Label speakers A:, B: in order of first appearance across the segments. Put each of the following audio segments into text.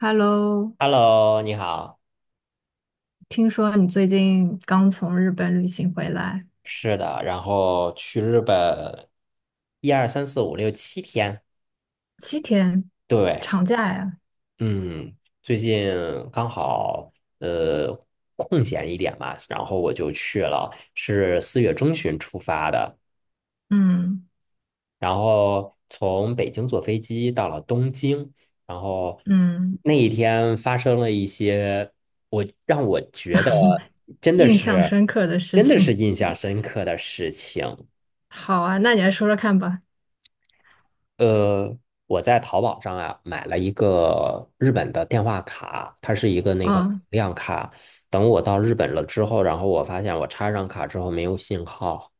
A: Hello，
B: Hello，你好。
A: 听说你最近刚从日本旅行回来，
B: 是的，然后去日本，一二三四五六七天。
A: 七天
B: 对，
A: 长假呀？
B: 嗯，最近刚好呃空闲一点嘛，然后我就去了，是4月中旬出发的，
A: 嗯。
B: 然后从北京坐飞机到了东京，然后
A: 嗯。
B: 那一天发生了一些我让我觉得真的
A: 印象
B: 是
A: 深刻的事
B: 真的是
A: 情。
B: 印象深刻的事情。
A: 好啊，那你来说说看吧。
B: 呃，我在淘宝上啊买了一个日本的电话卡，它是一个那个
A: 啊，
B: 量卡。等我到日本了之后，然后我发现我插上卡之后没有信号。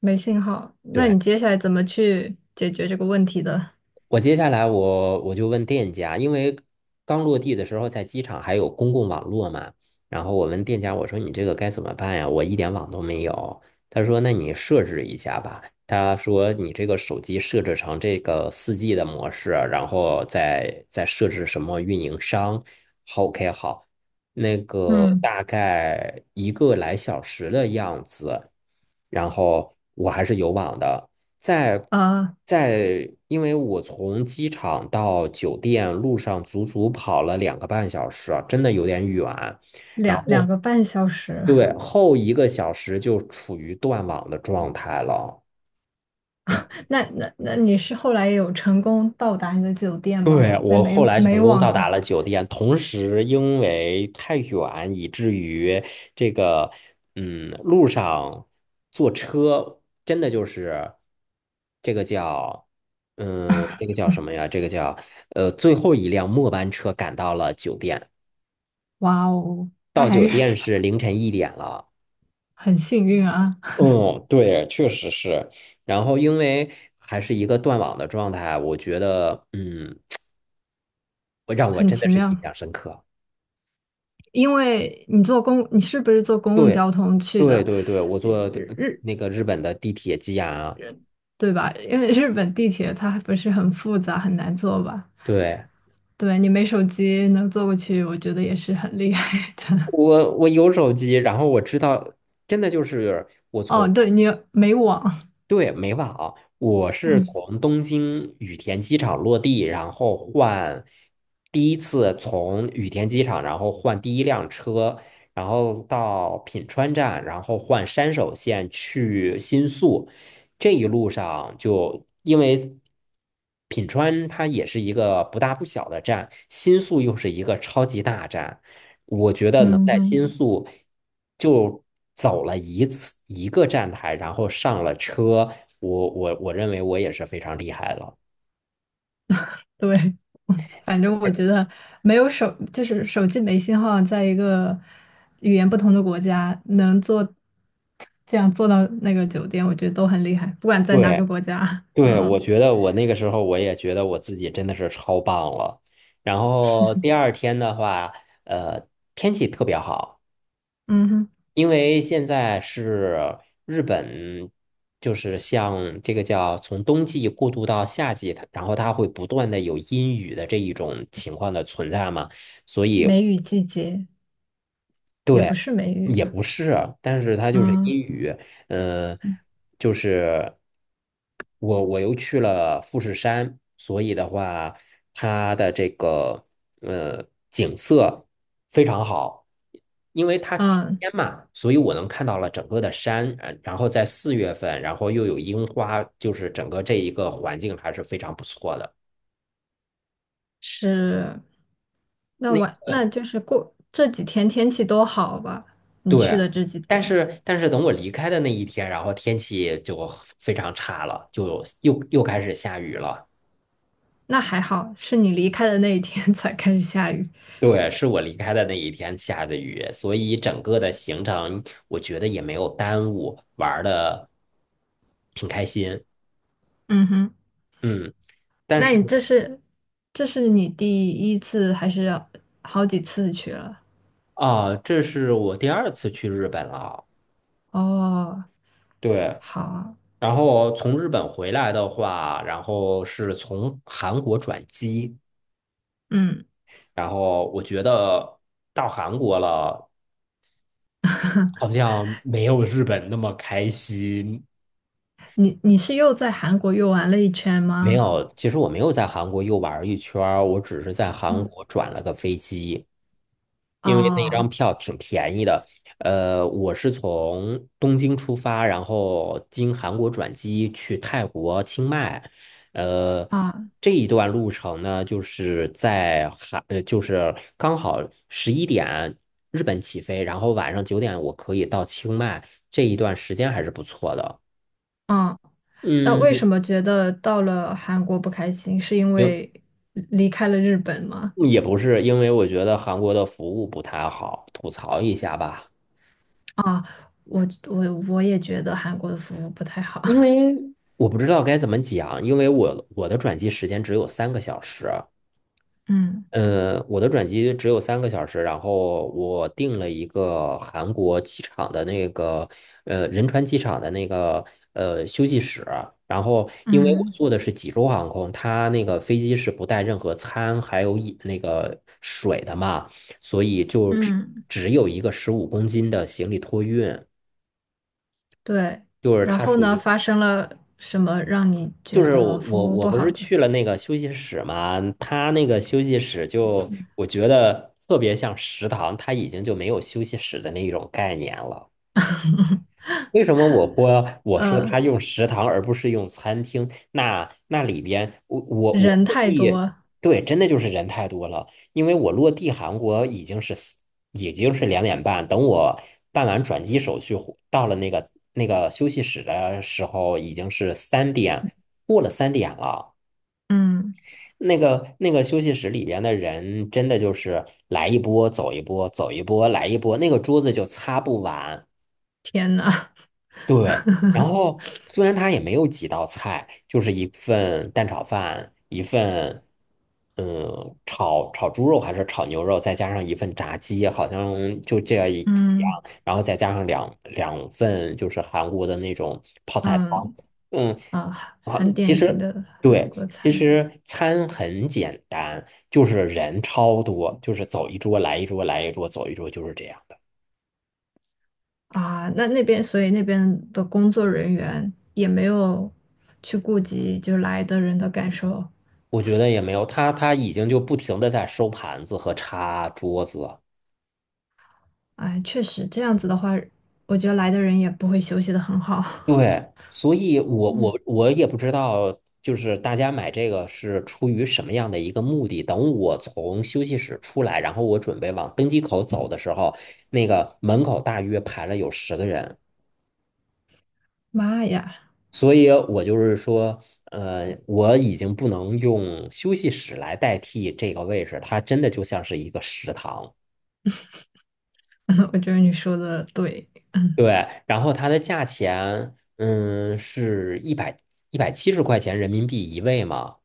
A: 没信号，那
B: 对。
A: 你接下来怎么去解决这个问题的？
B: 我接下来我就问店家，因为刚落地的时候在机场还有公共网络嘛，然后我问店家，我说你这个该怎么办呀？我一点网都没有。他说那你设置一下吧。他说你这个手机设置成这个4G 的模式，然后再设置什么运营商。好，OK，好，那个
A: 嗯。
B: 大概一个来小时的样子，然后我还是有网的。在
A: 呃，
B: 因为我从机场到酒店路上足足跑了2个半小时啊，真的有点远。然
A: 两两
B: 后，
A: 个半小时。
B: 对，后1个小时就处于断网的状态了。
A: 那你是后来有成功到达你的酒店吗？
B: 对，
A: 在
B: 我
A: 美
B: 后来
A: 美
B: 成功
A: 网
B: 到达
A: 的。
B: 了酒店，同时因为太远，以至于这个，路上坐车真的就是这个叫，这个叫什么呀？这个叫，最后一辆末班车赶到了酒店，
A: 哇哦，
B: 到
A: 那还
B: 酒
A: 是
B: 店是凌晨1点了。
A: 很幸运啊，
B: 嗯，对，确实是。然后因为还是一个断网的状态，我觉得，让我
A: 很
B: 真
A: 奇
B: 的是印
A: 妙。
B: 象深刻。
A: 因为你坐公，你是不是坐公共
B: 对，
A: 交通去
B: 对
A: 的，
B: 对对，我坐那个日本的地铁机啊。
A: 对吧？因为日本地铁它不是很复杂，很难坐吧？
B: 对，
A: 对，你没手机能坐过去，我觉得也是很厉害的。
B: 我有手机，然后我知道，真的就是我
A: 哦，
B: 从。
A: 对，你没网，
B: 对，没忘啊，我是
A: 嗯。
B: 从东京羽田机场落地，然后换第一次从羽田机场，然后换第一辆车，然后到品川站，然后换山手线去新宿。这一路上就因为品川它也是一个不大不小的站，新宿又是一个超级大站，我觉得能
A: 嗯
B: 在
A: 哼。
B: 新宿就走了一次一个站台，然后上了车，我认为我也是非常厉害了。
A: 对，反正我觉得没有手，就是手机没信号，在一个语言不同的国家能坐，这样坐到那个酒店，我觉得都很厉害，不管在哪个
B: 对
A: 国家。
B: 对，
A: 嗯。
B: 我觉得我那个时候我也觉得我自己真的是超棒了。然后第二天的话，呃，天气特别好。
A: 嗯哼。
B: 因为现在是日本，就是像这个叫从冬季过渡到夏季，然后它会不断的有阴雨的这一种情况的存在嘛，所以
A: 梅雨季节。也
B: 对，
A: 不是梅雨
B: 也
A: 吧？
B: 不是啊，但是它就是
A: 嗯。
B: 阴雨，嗯、就是我又去了富士山，所以的话，它的这个呃景色非常好，因为它晴
A: 嗯。
B: 天嘛，所以我能看到了整个的山，然后在4月份，然后又有樱花，就是整个这一个环境还是非常不错的。
A: 是。那我那就是过这几天天气都好吧？你去
B: 对，
A: 的这几
B: 但
A: 天，
B: 是但是等我离开的那一天，然后天气就非常差了，就又开始下雨了。
A: 那还好，是你离开的那一天 才开始下雨。
B: 对，是我离开的那一天下的雨，所以整个的行程我觉得也没有耽误，玩的挺开心。
A: 嗯哼。
B: 嗯，但
A: 那
B: 是
A: 你这是这是你第一次还是好几次去了？
B: 啊，这是我第二次去日本了。
A: 哦。
B: 对，
A: 好啊。
B: 然后从日本回来的话，然后是从韩国转机，
A: 嗯，
B: 然后我觉得到韩国了。好像没有日本那么开心。
A: 你你是又在韩国又玩了一圈
B: 没
A: 吗？
B: 有，其实我没有在韩国又玩儿一圈儿，我只是在韩
A: 嗯。
B: 国转了个飞机，因为那
A: 哦。
B: 张票挺便宜的。我是从东京出发，然后经韩国转机去泰国清迈。呃，
A: 啊。
B: 这一段路程呢，就是在韩，就是刚好11点日本起飞，然后晚上9点我可以到清迈，这一段时间还是不错的。
A: 嗯。那为
B: 嗯，
A: 什么觉得到了韩国不开心？是因
B: 因
A: 为离开了日本吗？
B: 也不是，因为我觉得韩国的服务不太好，吐槽一下吧。
A: 啊，我也觉得韩国的服务不太好。
B: 因 为我不知道该怎么讲，因为我的转机时间只有三个小时。
A: 嗯。
B: 我的转机只有三个小时，然后我订了一个韩国机场的那个仁川机场的那个休息室，然后因为我
A: 嗯。
B: 坐的是济州航空，它那个飞机是不带任何餐还有饮那个水的嘛，所以就只
A: 嗯。
B: 只有一个15公斤的行李托运，
A: 对。
B: 就是
A: 然
B: 它
A: 后
B: 属
A: 呢，
B: 于
A: 发生了什么让你
B: 就
A: 觉
B: 是我
A: 得服
B: 我
A: 务
B: 我
A: 不
B: 不
A: 好
B: 是
A: 的？
B: 去了那个休息室嘛，他那个休息室就我觉得特别像食堂，他已经就没有休息室的那种概念了。为什么我播我说
A: 呃，
B: 他用食堂而不是用餐厅？那里边我
A: 人
B: 落
A: 太
B: 地，
A: 多。
B: 对，真的就是人太多了。因为我落地韩国已经是2点半，等我办完转机手续回到了那个那个休息室的时候，已经是三点过了三点了。
A: 嗯。
B: 那个休息室里边的人，真的就是来一波走一波，走一波来一波，那个桌子就擦不完。
A: 天呐！
B: 对，然后虽然他也没有几道菜，就是一份蛋炒饭，一份炒猪肉还是炒牛肉，再加上一份炸鸡，好像就这样一 几样，
A: 嗯。
B: 然后再加上两份就是韩国的那种泡菜汤。
A: 嗯。
B: 嗯。
A: 啊，
B: 啊，
A: 很
B: 其
A: 典型
B: 实
A: 的韩
B: 对，
A: 国
B: 其
A: 餐。
B: 实餐很简单，就是人超多，就是走一桌来一桌，来一桌走一桌，就是这样的。
A: 啊，那那边，所以那边的工作人员也没有去顾及就来的人的感受。
B: 我觉得也没有，他已经就不停的在收盘子和擦桌子。
A: 哎，确实这样子的话，我觉得来的人也不会休息的很好。
B: 对，所以我也不知道，就是大家买这个是出于什么样的一个目的。等我从休息室出来，然后我准备往登机口走的时候，那个门口大约排了有10个人。
A: 妈呀！
B: 所以我就是说，我已经不能用休息室来代替这个位置，它真的就像是一个食堂。
A: 我觉得你说的对。
B: 对，然后它的价钱，是170块钱人民币一位嘛。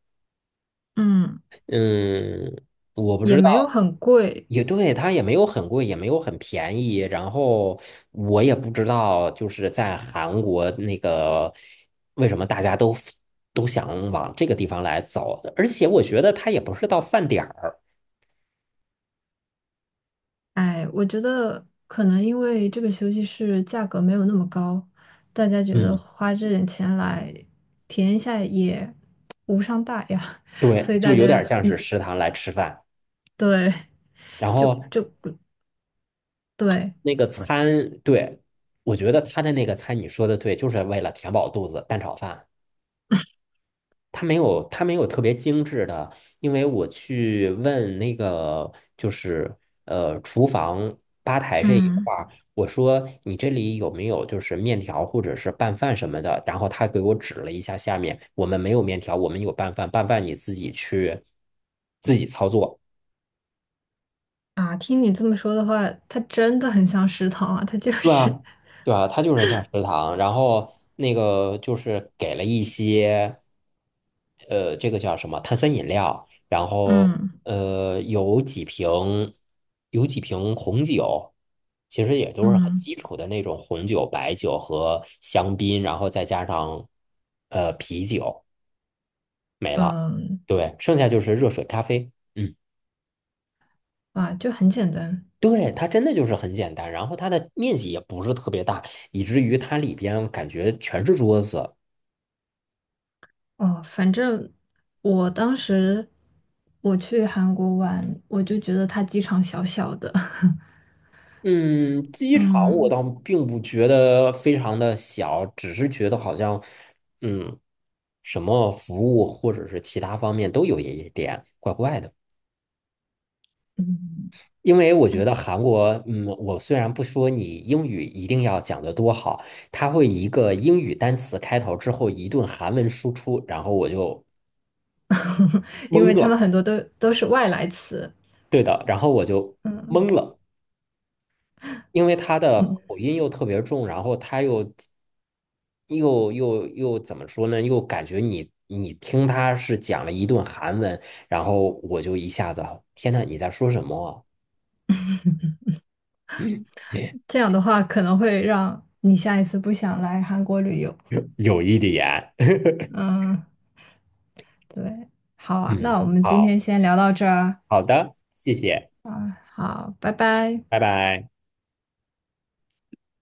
A: 嗯，
B: 嗯，我不
A: 也
B: 知道，
A: 没有很贵。
B: 也对，它也没有很贵，也没有很便宜。然后我也不知道，就是在韩国那个为什么大家都想往这个地方来走，而且我觉得它也不是到饭点儿，
A: 哎，我觉得可能因为这个休息室价格没有那么高，大家觉得
B: 嗯，
A: 花这点钱来体验一下也无伤大雅，所
B: 对，
A: 以
B: 就
A: 大
B: 有
A: 家
B: 点像是
A: 嗯
B: 食堂来吃饭。
A: 对。
B: 然
A: 就
B: 后
A: 就对
B: 那个餐，对，我觉得他的那个餐，你说的对，就是为了填饱肚子，蛋炒饭。它没有，它没有特别精致的，因为我去问那个就是厨房吧台这一
A: 嗯
B: 块儿，我说你这里有没有就是面条或者是拌饭什么的，然后他给我指了一下下面，我们没有面条，我们有拌饭，拌饭你自己去自己操作。
A: 啊，听你这么说的话，它真的很像食堂啊，它就
B: 对
A: 是
B: 啊，对啊，它就是像食堂，然后那个就是给了一些，这个叫什么碳酸饮料，然后
A: 嗯。
B: 有几瓶有几瓶红酒，其实也都是很
A: 嗯。
B: 基础的那种红酒、白酒和香槟，然后再加上啤酒没了，
A: 嗯。
B: 对，剩下就是热水、咖啡，嗯。
A: 啊，就很简单。
B: 对，它真的就是很简单，然后它的面积也不是特别大，以至于它里边感觉全是桌子。
A: 哦。反正我当时我去韩国玩，我就觉得它机场小小的，
B: 嗯，机 场我
A: 嗯。
B: 倒并不觉得非常的小，只是觉得好像，嗯，什么服务或者是其他方面都有一点怪怪的。因为我觉得韩国，我虽然不说你英语一定要讲得多好，它会一个英语单词开头之后一顿韩文输出，然后我就
A: 因
B: 懵
A: 为他们
B: 了。
A: 很多都是外来词。
B: 对的，然后我就
A: 嗯。
B: 懵了，因为他的
A: 嗯。
B: 口音又特别重，然后他又怎么说呢？又感觉你听他是讲了一顿韩文，然后我就一下子，天呐，你在说什么啊？
A: 这样的话可能会让你下一次不想来韩国旅游。
B: 有一点，
A: 嗯。对，好 啊，那我们今
B: 嗯，好
A: 天先聊到这儿
B: 好的，谢谢，
A: 啊，好，拜拜。
B: 拜拜。